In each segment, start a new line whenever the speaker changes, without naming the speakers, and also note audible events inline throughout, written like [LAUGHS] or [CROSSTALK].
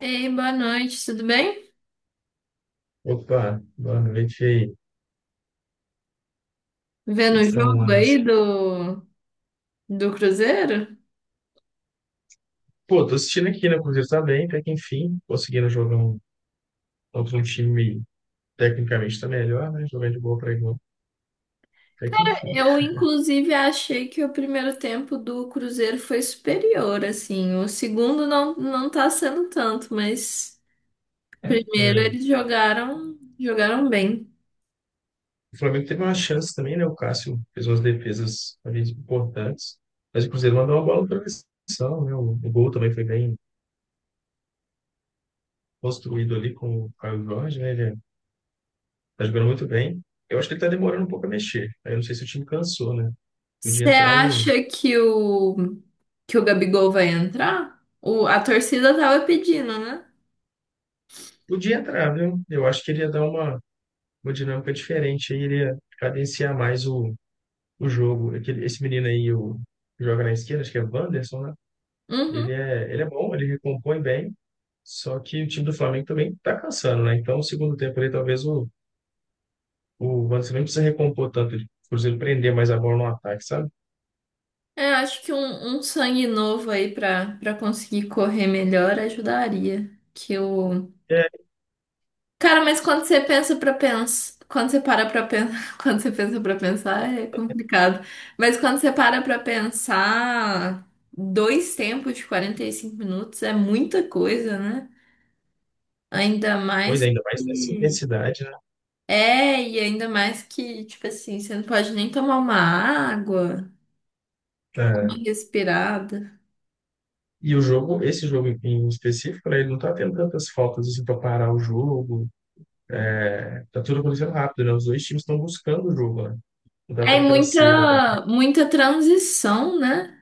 Ei, boa noite, tudo bem?
Opa, boa noite aí. O que
Vendo
que
o
você tá
jogo
arrumando
aí
nesse...
do Cruzeiro?
Pô, tô assistindo aqui, né? O Cruzeiro tá bem, até que enfim, conseguindo jogar um, contra um time tecnicamente tá melhor, né? Jogar de boa pra igual, até que enfim.
Eu, inclusive, achei que o primeiro tempo do Cruzeiro foi superior, assim. O segundo não, não tá sendo tanto, mas
É.
primeiro
é,
eles jogaram bem.
O Flamengo teve uma chance também, né? O Cássio fez umas defesas talvez importantes, mas o Cruzeiro mandou uma bola na travessão, né? O gol também foi bem construído ali com o Caio Jorge, né? Ele é, tá jogando muito bem. Eu acho que ele tá demorando um pouco a mexer. Aí eu não sei se o time cansou, né? Podia
Você
entrar o...
acha que o Gabigol vai entrar? O, a torcida tava pedindo, né?
Podia entrar, viu? Eu acho que ele ia dar uma dinâmica diferente aí, ele ia cadenciar mais o jogo. Aquele, esse menino aí, o, que joga na esquerda, acho que é o Wanderson, né?
Uhum.
Ele é bom, ele recompõe bem, só que o time do Flamengo também tá cansando, né? Então, o segundo tempo ali, talvez o Wanderson nem precisa recompor tanto, ele, por exemplo, prender mais a bola no ataque, sabe?
É, acho que um sangue novo aí pra conseguir correr melhor ajudaria. Que o.
É.
Cara, mas quando você pensa pra pensar. Quando você para pra pensar. [LAUGHS] Quando você pensa pra pensar, é complicado. Mas quando você para pra pensar, dois tempos de 45 minutos é muita coisa, né? Ainda
Pois
mais
é, ainda mais nessa
que.
intensidade, né?
É, e ainda mais que, tipo assim, você não pode nem tomar uma água, uma
É.
respirada.
E o jogo, esse jogo em específico, né, ele não tá tendo tantas faltas assim para parar o jogo. É, tá tudo acontecendo rápido, né? Os dois times estão buscando o jogo, né? Dá até
É
naquela cera também.
muita transição, né?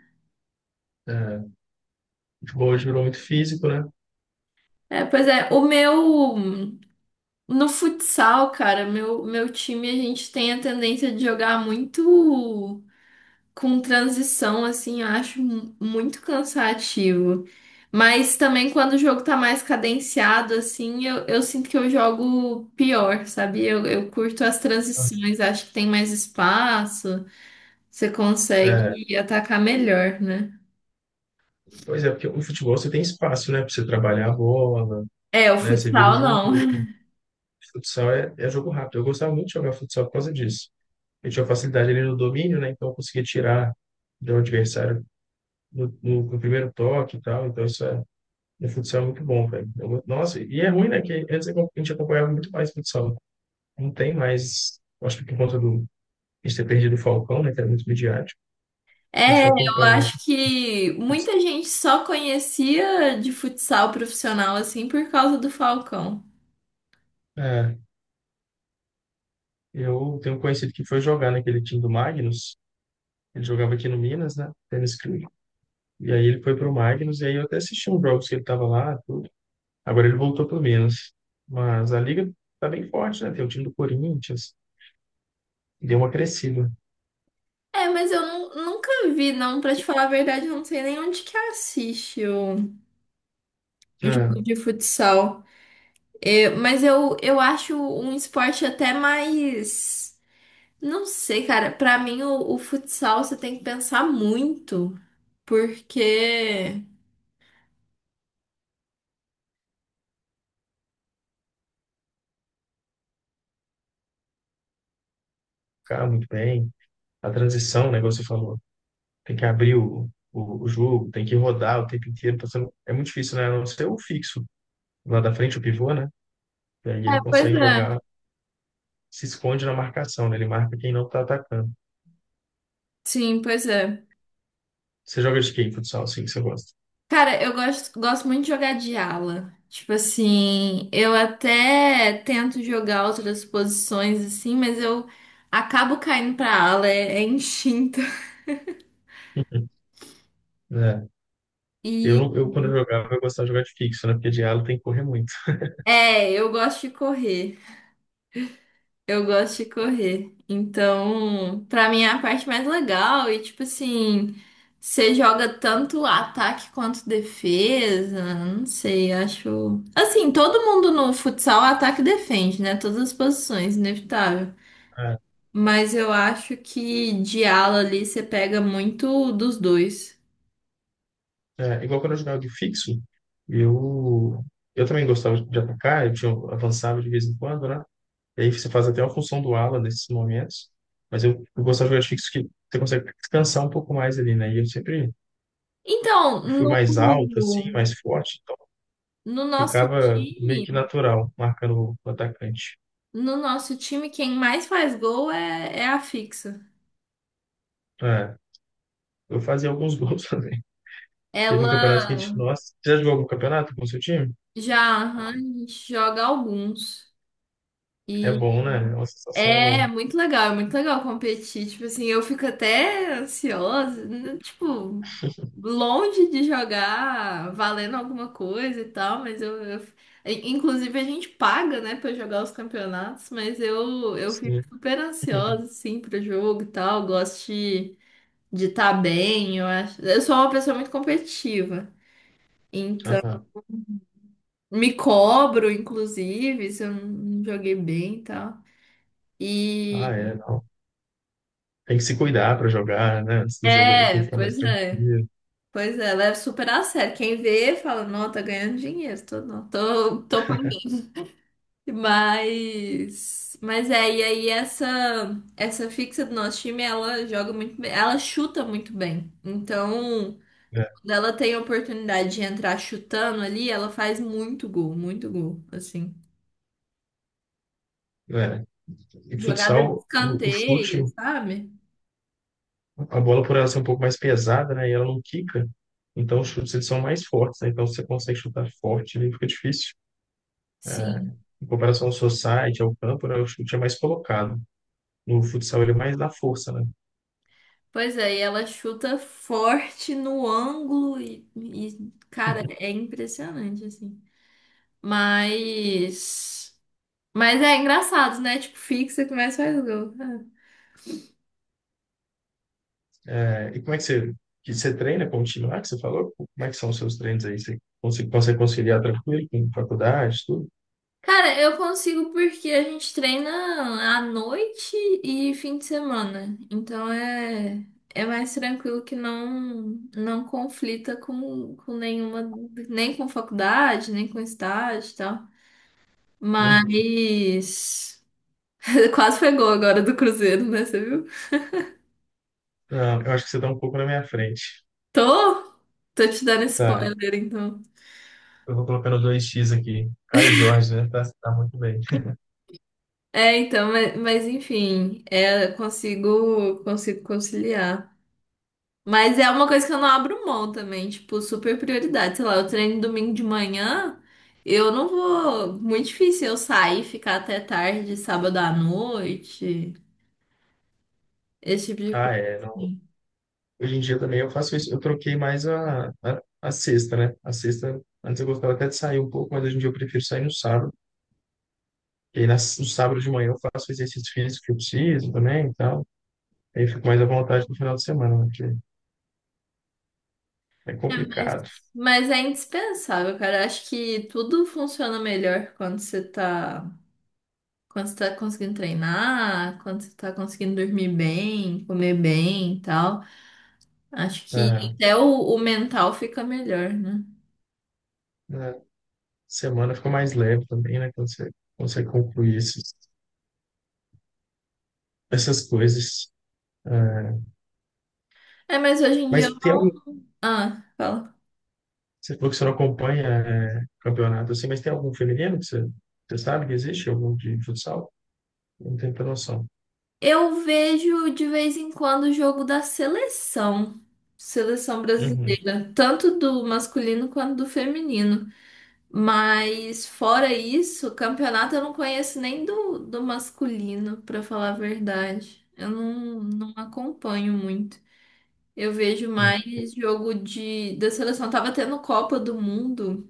É, o futebol hoje virou muito físico, né?
É, pois é, o meu no futsal, cara, meu time a gente tem a tendência de jogar muito com transição, assim, eu acho muito cansativo. Mas também quando o jogo tá mais cadenciado, assim, eu sinto que eu jogo pior, sabe? Eu curto as
Ah,
transições, acho que tem mais espaço, você
é,
consegue atacar melhor, né?
pois é, porque o futebol você tem espaço, né? Pra você trabalhar a bola,
É, o
né? Você vira o
futsal não.
jogo. O futsal é, é jogo rápido. Eu gostava muito de jogar futsal por causa disso. Eu tinha facilidade ali no domínio, né? Então eu conseguia tirar do adversário no primeiro toque e tal. Então isso é, no futsal é muito bom, velho. Eu go- Nossa, e é ruim, né? Que antes a gente acompanhava muito mais futsal. Não tem mais, acho que por conta do, a gente ter perdido o Falcão, né? Que era muito midiático. A gente
É,
não
eu
acompanha mais.
acho que muita gente só conhecia de futsal profissional assim por causa do Falcão.
É, eu tenho um conhecido que foi jogar naquele time do Magnus. Ele jogava aqui no Minas, né? Tênis Clube. E aí ele foi pro Magnus, e aí eu até assisti uns jogos que ele tava lá, tudo. Agora ele voltou pro Minas. Mas a liga tá bem forte, né? Tem o time do Corinthians, deu uma crescida.
É, mas nunca vi, não, pra te falar a verdade, eu não sei nem onde que assiste o
Né?
jogo de futsal. É, mas eu acho um esporte até mais. Não sei, cara, pra mim o futsal você tem que pensar muito, porque.
Cara, muito bem. A transição, né, igual você falou, tem que abrir o jogo, tem que rodar o tempo inteiro. Tá sendo- É muito difícil, né? A não ser o fixo lá da frente, o pivô, né? E aí
É,
ele
pois
consegue
é.
jogar, se esconde na marcação, né? Ele marca quem não tá atacando.
Sim, pois é.
Você joga de quem, futsal, assim, que você gosta?
Cara, eu gosto muito de jogar de ala. Tipo assim, eu até tento jogar outras posições assim, mas eu acabo caindo pra ala, é instinto. [LAUGHS]
[LAUGHS] É. Eu,
E
não- eu, Quando eu jogava, eu gostava de jogar de fixo, né? Porque de ala tem que correr muito.
é, eu gosto de correr. Eu gosto de correr. Então, pra mim é a parte mais legal. E tipo assim, você joga tanto ataque quanto defesa. Não sei, acho. Assim, todo mundo no futsal ataca e defende, né? Todas as posições, inevitável.
É,
Mas eu acho que de ala ali você pega muito dos dois.
Igual quando eu jogava de fixo, eu, eu também gostava de atacar, eu tinha, avançava de vez em quando, né? E aí você faz até uma função do ala nesses momentos, mas eu gostava de jogar de fixo que você consegue descansar um pouco mais ali, né? E eu sempre
Então,
fui
no,
mais alto, assim, mais forte, então
no nosso
ficava meio que
time,
natural, marcando o atacante.
no nosso time, quem mais faz gol é a fixa.
É, eu fazia alguns gols. [LAUGHS] Teve um campeonato que
Ela
a gente. Nossa, você já jogou algum campeonato com o seu time?
já aham, a gente joga alguns.
É bom, né? É uma sensação legal.
É muito legal competir. Tipo assim, eu fico até ansiosa, né, tipo, longe de jogar valendo alguma coisa e tal, mas Inclusive a gente paga, né, pra jogar os campeonatos, mas eu fico
Sim.
super
[LAUGHS] Uhum.
ansiosa, assim, pro jogo e tal. Gosto de estar bem, eu acho. Eu sou uma pessoa muito competitiva, então
Aham.
me cobro, inclusive, se eu não não joguei bem e tal.
Ah,
E.
é, não. Tem que se cuidar para jogar, né? Antes do jogo ali tem que
É,
ficar mais
pois é.
tranquilo.
Pois é, leva super a sério. Quem vê fala, não, tá ganhando dinheiro, tô, não, tô punk. Mas é, e aí essa fixa do nosso time, ela joga muito bem, ela chuta muito bem. Então,
Né?
quando ela tem a oportunidade de entrar chutando ali, ela faz muito gol, assim.
É. E
Jogada de
futsal, o
escanteio,
chute,
sabe?
a bola por ela ser um pouco mais pesada, né? E ela não quica. Então os chutes eles são mais fortes, né? Então se você consegue chutar forte, ali fica difícil. É.
Sim.
Em comparação ao society, ao campo, né? O chute é mais colocado. No futsal ele é mais da força, né?
Pois é, e ela chuta forte no ângulo e, cara,
[LAUGHS]
é impressionante, assim. Mas. Mas é engraçado, né? Tipo, fixa, começa e faz gol. É.
É, e como é que você treina com o time lá que você falou? Como é que são os seus treinos aí? Você consegue, consegue conciliar tranquilo com faculdade, tudo?
Cara, eu consigo porque a gente treina à noite e fim de semana. Então é. É mais tranquilo que não não conflita com nenhuma, nem com faculdade, nem com estágio e tal.
Uhum.
Mas [LAUGHS] quase foi gol agora do Cruzeiro, né? Você viu?
Não, eu acho que você está um pouco na minha frente.
Tô, tô te dando
Tá.
spoiler, então.
Eu vou colocando dois x aqui. Caio Jorge, né? Tá, tá muito bem.
É, então, mas enfim, é, consigo, consigo conciliar. Mas é uma coisa que eu não abro mão também, tipo, super prioridade. Sei lá, eu treino domingo de manhã, eu não vou. Muito difícil eu sair e ficar até tarde, sábado à noite, esse tipo de
Ah,
coisa.
é. Não.
Assim.
Hoje em dia também eu faço isso. Eu troquei mais a sexta, né? A sexta, antes eu gostava até de sair um pouco, mas hoje em dia eu prefiro sair no sábado. E aí nas- no sábado de manhã eu faço o exercício físico que eu preciso também e tal. Aí eu fico mais à vontade no final de semana, né? Porque é
É,
complicado.
mas é indispensável, cara. Eu Acho que tudo funciona melhor quando você tá conseguindo treinar, quando você tá conseguindo dormir bem, comer bem e tal. Acho que
É,
até o mental fica melhor, né?
né, semana fica mais leve também, né? Quando você consegue concluir esses, essas coisas. É,
É, mas hoje em dia.
mas tem algum.
Ah, fala.
Você falou que você não acompanha é, campeonato assim, mas tem algum feminino que você, você sabe que existe? Algum de futsal? Não tenho muita noção.
Eu vejo de vez em quando o jogo da seleção, seleção
Uhum.
brasileira, tanto do masculino quanto do feminino. Mas fora isso, campeonato eu não conheço nem do masculino, pra falar a verdade. Eu não, não acompanho muito. Eu vejo
Não.
mais jogo de, da seleção. Tava tendo Copa do Mundo.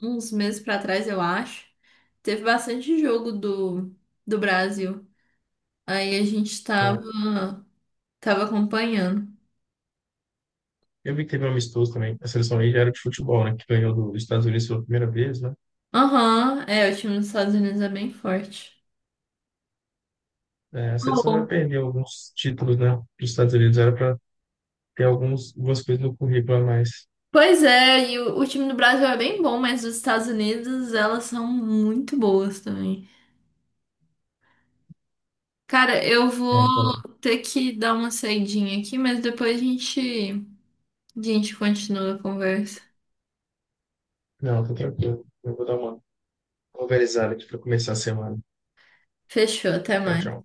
Uns meses pra trás, eu acho, teve bastante jogo do Brasil. Aí a gente
É,
tava, tava acompanhando.
eu vi que teve um amistoso também. A seleção aí já era de futebol, né? Que ganhou do- dos Estados Unidos pela primeira vez, né?
Aham, é, o time dos Estados Unidos é bem forte.
É, a seleção já
Bom,
perdeu alguns títulos, né? Dos Estados Unidos era para ter alguns, algumas coisas no currículo a mais.
pois é, e o time do Brasil é bem bom, mas os Estados Unidos, elas são muito boas também. Cara, eu
É,
vou
aquela...
ter que dar uma saidinha aqui, mas depois a gente continua a conversa.
Não, tô tranquilo. Eu vou dar uma. Vou organizar aqui para começar a semana.
Fechou, até
Tchau,
mais.
tchau.